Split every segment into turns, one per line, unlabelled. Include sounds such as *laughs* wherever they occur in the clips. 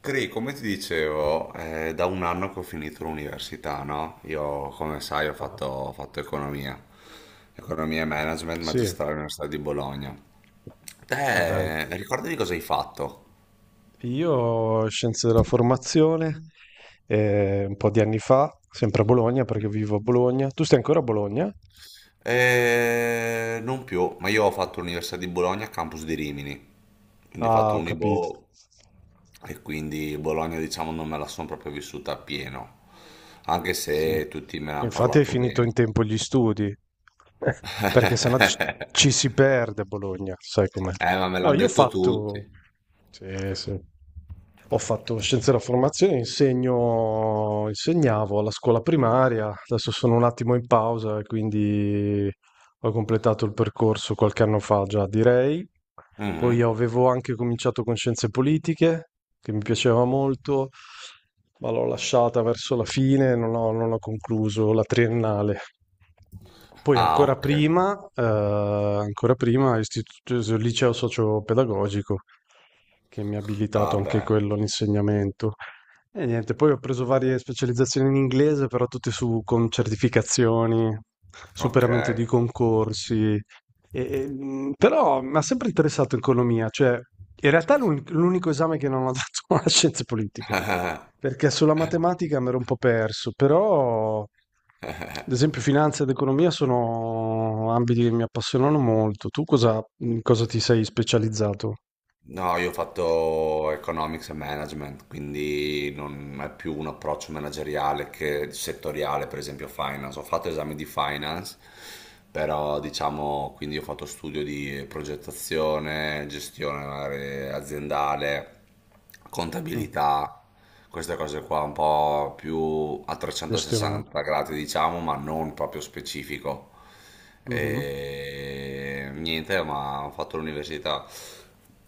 Cri, come ti dicevo, è da un anno che ho finito l'università, no? Io, come sai, ho
Ah,
fatto, ho fatto economia, economia e management
sì.
magistrale all'Università di Bologna.
Ah, dai.
Te, ricordati cosa hai fatto?
Io scienze della formazione, un po' di anni fa, sempre a Bologna perché vivo a Bologna. Tu stai ancora a Bologna?
Non più, ma io ho fatto l'Università di Bologna, campus di Rimini, quindi ho
Ah,
fatto
ho capito.
Unibo e quindi Bologna, diciamo, non me la sono proprio vissuta appieno, anche
Sì.
se tutti me ne hanno
Infatti hai
parlato
finito in
bene.
tempo gli studi. Eh, Perché sennò ci,
*laughs*
ci si perde a Bologna, sai com'è.
Ma me
No,
l'hanno
io ho
detto
fatto...
tutti.
Sì, sì. Ho fatto scienze della formazione, insegno, insegnavo alla scuola primaria, adesso sono un attimo in pausa e quindi ho completato il percorso qualche anno fa già, direi. Poi
Mhm.
avevo anche cominciato con scienze politiche, che mi piaceva molto, ma l'ho lasciata verso la fine, non ho concluso la triennale. Poi
Ah,
ancora
ok.
prima, eh, ancora prima, istituto, liceo socio-pedagogico, che mi ha abilitato anche
Vabbè,
quello all'insegnamento. E niente, poi ho preso varie specializzazioni in inglese, però tutte con certificazioni,
ok.
superamento di concorsi. Però mi ha sempre interessato economia, cioè in realtà è l'unico esame che non ho *laughs* dato a scienze politiche,
*laughs*
perché sulla matematica mi ero un po' perso, però ad esempio finanza ed economia sono ambiti che mi appassionano molto. In cosa ti sei specializzato?
No, io ho fatto economics e management, quindi non è più un approccio manageriale che settoriale, per esempio finance. Ho fatto esami di finance, però diciamo, quindi ho fatto studio di progettazione, gestione magari aziendale,
Mm,
contabilità, queste cose qua un po' più a
gestionale.
360 gradi, diciamo, ma non proprio specifico. E niente, ma ho fatto l'università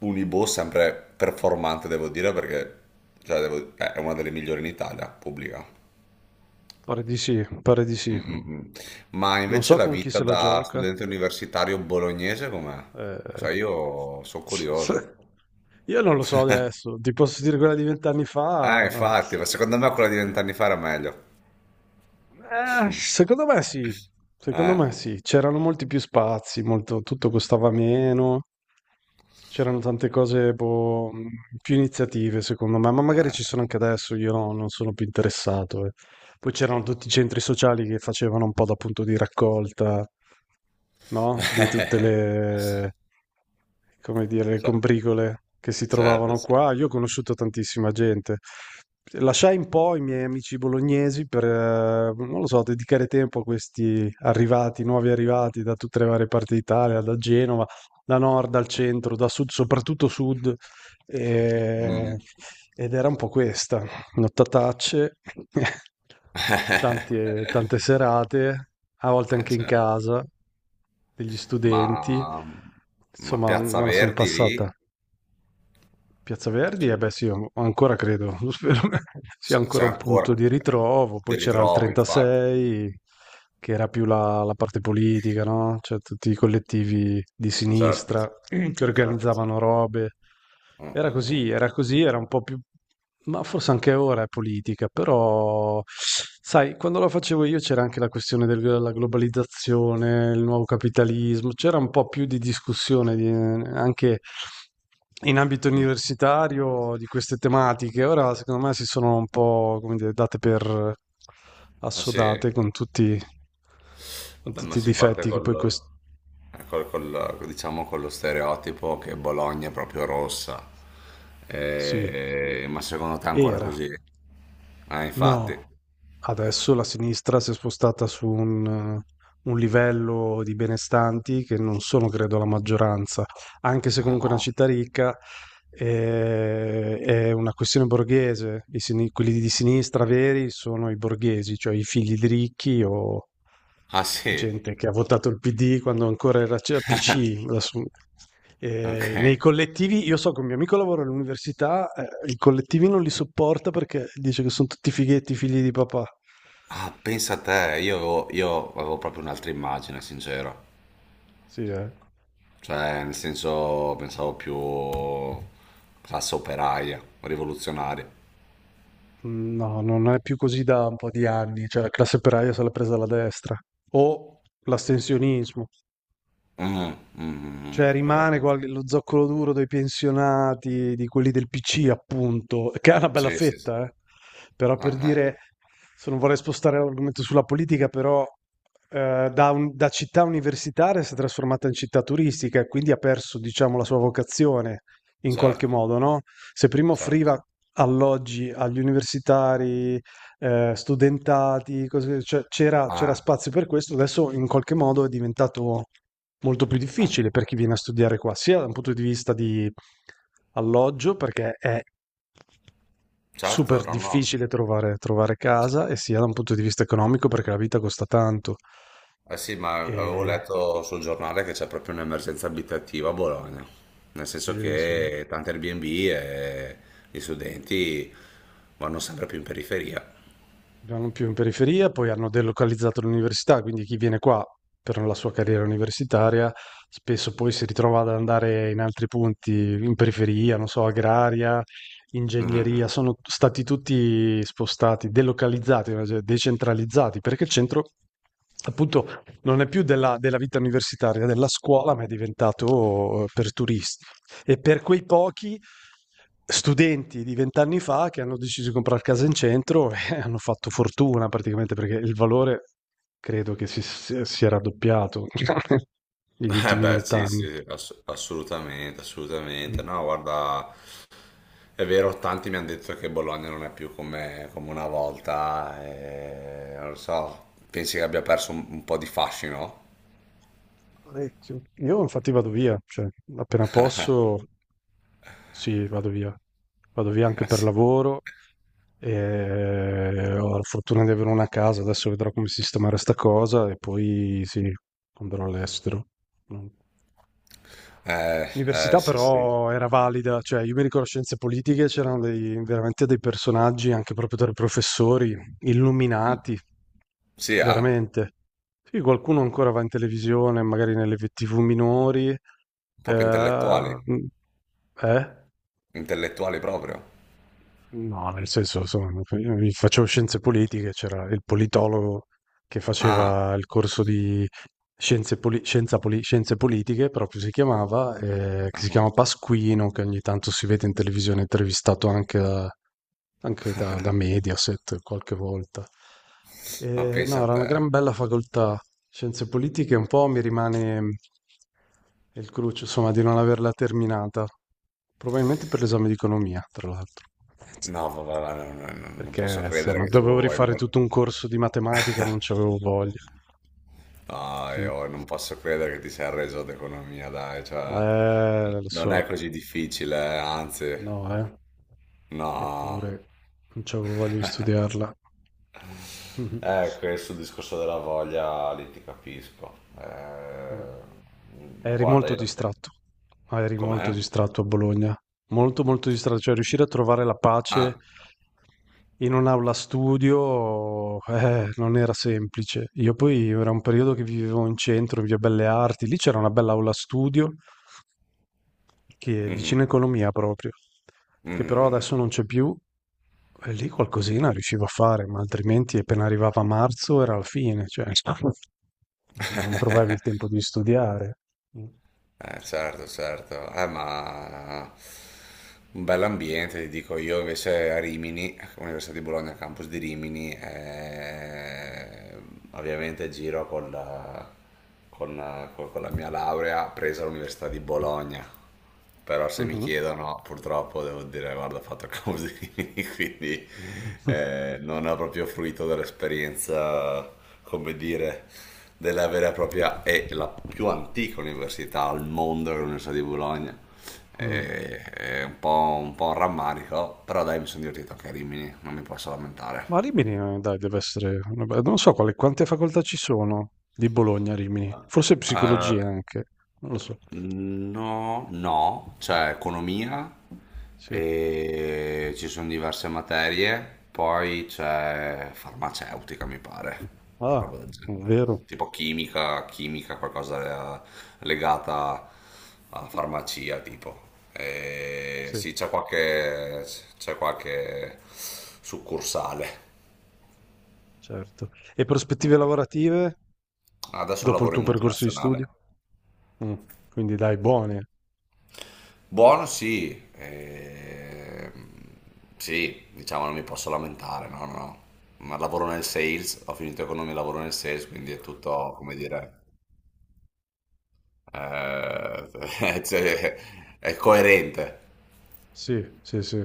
Unibo, sempre performante, devo dire, perché cioè, è una delle migliori in Italia, pubblica.
Pare di sì, pare di
Mm,
sì.
mm, mm. Ma
Non
invece
so
la
con chi
vita
se la
da
gioca.
studente universitario bolognese com'è?
Eh.
Cioè io sono curioso.
*laughs* Io non lo so adesso, ti posso dire quella di 20 anni
Ah,
fa.
infatti, ma secondo me quella di vent'anni fa era meglio. *laughs*
Secondo me sì, secondo me
Eh.
sì. C'erano molti più spazi, tutto costava meno, c'erano tante cose boh, più iniziative secondo me, ma magari ci sono anche adesso, io non sono più interessato. Eh. Poi c'erano tutti i centri sociali che facevano un po' da punto di raccolta, no? Di tutte
*laughs*
le, come dire, le
Ce-
combricole che si
certo,
trovavano
certo.
qua. Io ho conosciuto tantissima gente. Lasciai un po' i miei amici bolognesi per, non lo so, dedicare tempo a questi arrivati, nuovi arrivati da tutte le varie parti d'Italia, da Genova, da nord, dal centro, da sud, soprattutto sud. E-
Mm.
Ed era un po' questa, nottatacce, *laughs* tante,
*laughs*
tante serate, a volte anche in
Certo.
casa. Degli studenti.
Ma, ma
Insomma,
Piazza
me la son
Verdi
passata.
lì.
Piazza Verdi?
Cioè,
Eh beh sì, ancora credo, *laughs* lo spero che sia
c'è
ancora
c'è
un
ancora,
punto di ritrovo. Poi
te li
c'era il
trovi infatti.
36, che era più la parte politica, no? Cioè tutti i collettivi di
Certo,
sinistra
certo,
che
certo, certo.
organizzavano robe.
Mm,
Era
mm, mm.
così, era così, era un po' più... Ma forse anche ora è politica, però... Sai, quando la facevo io c'era anche la questione della globalizzazione, il nuovo capitalismo, c'era un po' più di discussione anche in ambito
Mm.
universitario di queste tematiche. Ora, secondo me, si sono un po', come dire, date per
Ma
assodate
sì.
con
Vabbè, ma
tutti i
si parte
difetti che poi
col,
questo
diciamo con lo stereotipo che Bologna è proprio rossa.
sì,
Ma secondo te è ancora
era.
così? Ah, infatti.
No, adesso la sinistra si è spostata su un livello di benestanti che non sono, credo, la maggioranza, anche se comunque è una
Ah,
città ricca, è una questione borghese. Quelli di sinistra veri sono i borghesi, cioè i figli di ricchi o
ah, sì.
gente che ha votato il PD quando ancora era PC.
*laughs*
Adesso
Ok.
nei collettivi, io so che un mio amico lavora all'università, i collettivi non li sopporta perché dice che sono tutti fighetti, figli di papà.
Ah, pensa a te, io avevo proprio un'altra immagine, sincero.
Sì, eh.
Cioè, nel senso, pensavo più classe operaia, rivoluzionaria.
Mm. No, non è più così da un po' di anni, cioè la classe operaia se l'ha presa alla destra. O l'astensionismo.
Mm, mm, mm, mm,
Cioè
ho
rimane
capito.
lo zoccolo duro dei pensionati, di quelli del PC, appunto, *laughs* che è una bella
Sì, sì, sì.
fetta, eh. Però per
Eh.
dire, se non vorrei spostare l'argomento sulla politica, però da città universitaria si è trasformata in città turistica e quindi ha perso, diciamo, la sua vocazione in qualche
Certo,
modo, no? Se prima
certo.
offriva alloggi agli universitari, studentati, cioè, c'era
Ah.
spazio per questo, adesso in qualche modo è diventato molto più
Eh,
difficile per chi viene a studiare qua, sia da un punto di vista di alloggio, perché è
certo,
super
no, no.
difficile trovare casa, e sia da un punto di vista economico, perché la vita costa tanto.
Eh sì, ma
E...
avevo letto sul giornale che c'è proprio un'emergenza abitativa a Bologna, nel senso
Sì, sì.
che tante Airbnb e gli studenti vanno sempre più in periferia.
Non più in periferia, poi hanno delocalizzato l'università, quindi chi viene qua per la sua carriera universitaria spesso poi si ritrova ad andare in altri punti, in periferia, non so, agraria, ingegneria,
Mhm.
sono stati tutti spostati, delocalizzati, cioè decentralizzati, perché il centro appunto non è più della vita universitaria, della scuola, ma è diventato per turisti. E per quei pochi studenti di 20 anni fa che hanno deciso di comprare casa in centro *laughs* e hanno fatto fortuna praticamente perché il valore credo che si è raddoppiato *laughs* negli
*laughs* Eh
ultimi
beh, sì,
20 anni.
sì, sì, assolutamente, assolutamente.
Mm.
No, guarda, è vero, tanti mi hanno detto che Bologna non è più come, come una volta, e, non lo so, pensi che abbia perso un po' di fascino?
Parecchio. Io infatti vado via, cioè appena posso, sì, vado via. Vado via
*laughs*
anche
Eh
per
sì.
lavoro e ho la fortuna di avere una casa, adesso vedrò come sistemare sta cosa e poi sì, andrò all'estero. Mm. L'università
Sì, sì.
però era valida, cioè io mi ricordo scienze politiche, c'erano veramente dei personaggi, anche proprio tra i professori,
Mm.
illuminati,
Sì, ah?
veramente. Sì, qualcuno ancora va in televisione, magari nelle TV minori.
Proprio intellettuali.
Mm, eh?
Intellettuali proprio.
No, nel senso, insomma, io facevo scienze politiche, c'era il politologo che
Ah,
faceva il corso di scienze politiche, proprio si chiamava, che si
ah,
chiama Pasquino, che ogni tanto si vede in televisione, intervistato anche, da Mediaset qualche volta.
ma pensa
No,
a
era una
te.
gran bella facoltà, scienze politiche, un po' mi rimane il cruccio, insomma, di non averla terminata, probabilmente per l'esame di economia, tra l'altro.
No, vabbè, va, no, no, no, non
Perché
posso credere
insomma,
che tu
dovevo
hai
rifare
molto...
tutto un corso di
*laughs*
matematica, non c'avevo voglia.
No,
Mm.
io non posso credere che ti sei arreso ad economia, dai, cioè...
Lo
Non
so,
è così difficile, anzi...
no, eh.
No.
Eppure non c'avevo voglia di
*laughs*
studiarla. *laughs* Mhm.
Questo discorso della voglia, lì ti capisco.
Eh, Eri
Guarda,
molto
io la...
distratto. Ah, eri molto
Com'è?
distratto a Bologna. Molto, molto distratto, cioè riuscire a trovare la pace
Ah,
in un'aula studio non era semplice. Io poi era un periodo che vivevo in centro, in Via Belle Arti, lì c'era una bella aula studio che è vicino
mhm,
economia proprio, che però
mhm.
adesso non c'è più. E lì qualcosina riuscivo a fare, ma altrimenti appena arrivava marzo era la fine, cioè *laughs* non trovavi il tempo di studiare. Mhm.
Certo, certo. Ma un bell'ambiente, ti dico io invece a Rimini, Università di Bologna, campus di Rimini, ovviamente giro con la, con la mia laurea presa all'Università di Bologna. Però se mi chiedono, purtroppo devo dire, guarda, ho fatto così, *laughs* quindi
*laughs*
non ho proprio fruito dell'esperienza, come dire, della vera e propria e la più antica università al mondo, l'Università di Bologna.
Mm.
È un po', un po' un rammarico, però dai, mi sono divertito anche a Rimini, non mi posso lamentare.
Ma Rimini, dai, deve essere una non so quante facoltà ci sono di Bologna a Rimini, forse psicologia
Ah.
anche, non lo so.
No, no, c'è economia
Sì.
e ci sono diverse materie, poi c'è farmaceutica, mi pare,
Ah,
roba del genere.
vero?
Tipo chimica, chimica, qualcosa legata a farmacia, tipo. E
Sì,
sì, c'è qualche succursale.
certo. E
Mm.
prospettive lavorative
Adesso
dopo il
lavoro
tuo
in
percorso di studio?
multinazionale.
Mm. Quindi dai, buone.
Buono sì, sì, diciamo non mi posso lamentare, no, no, no. Ma lavoro nel sales, ho finito economia e lavoro nel sales, quindi è tutto, come dire, *laughs* cioè, è coerente.
Sì, sì, sì.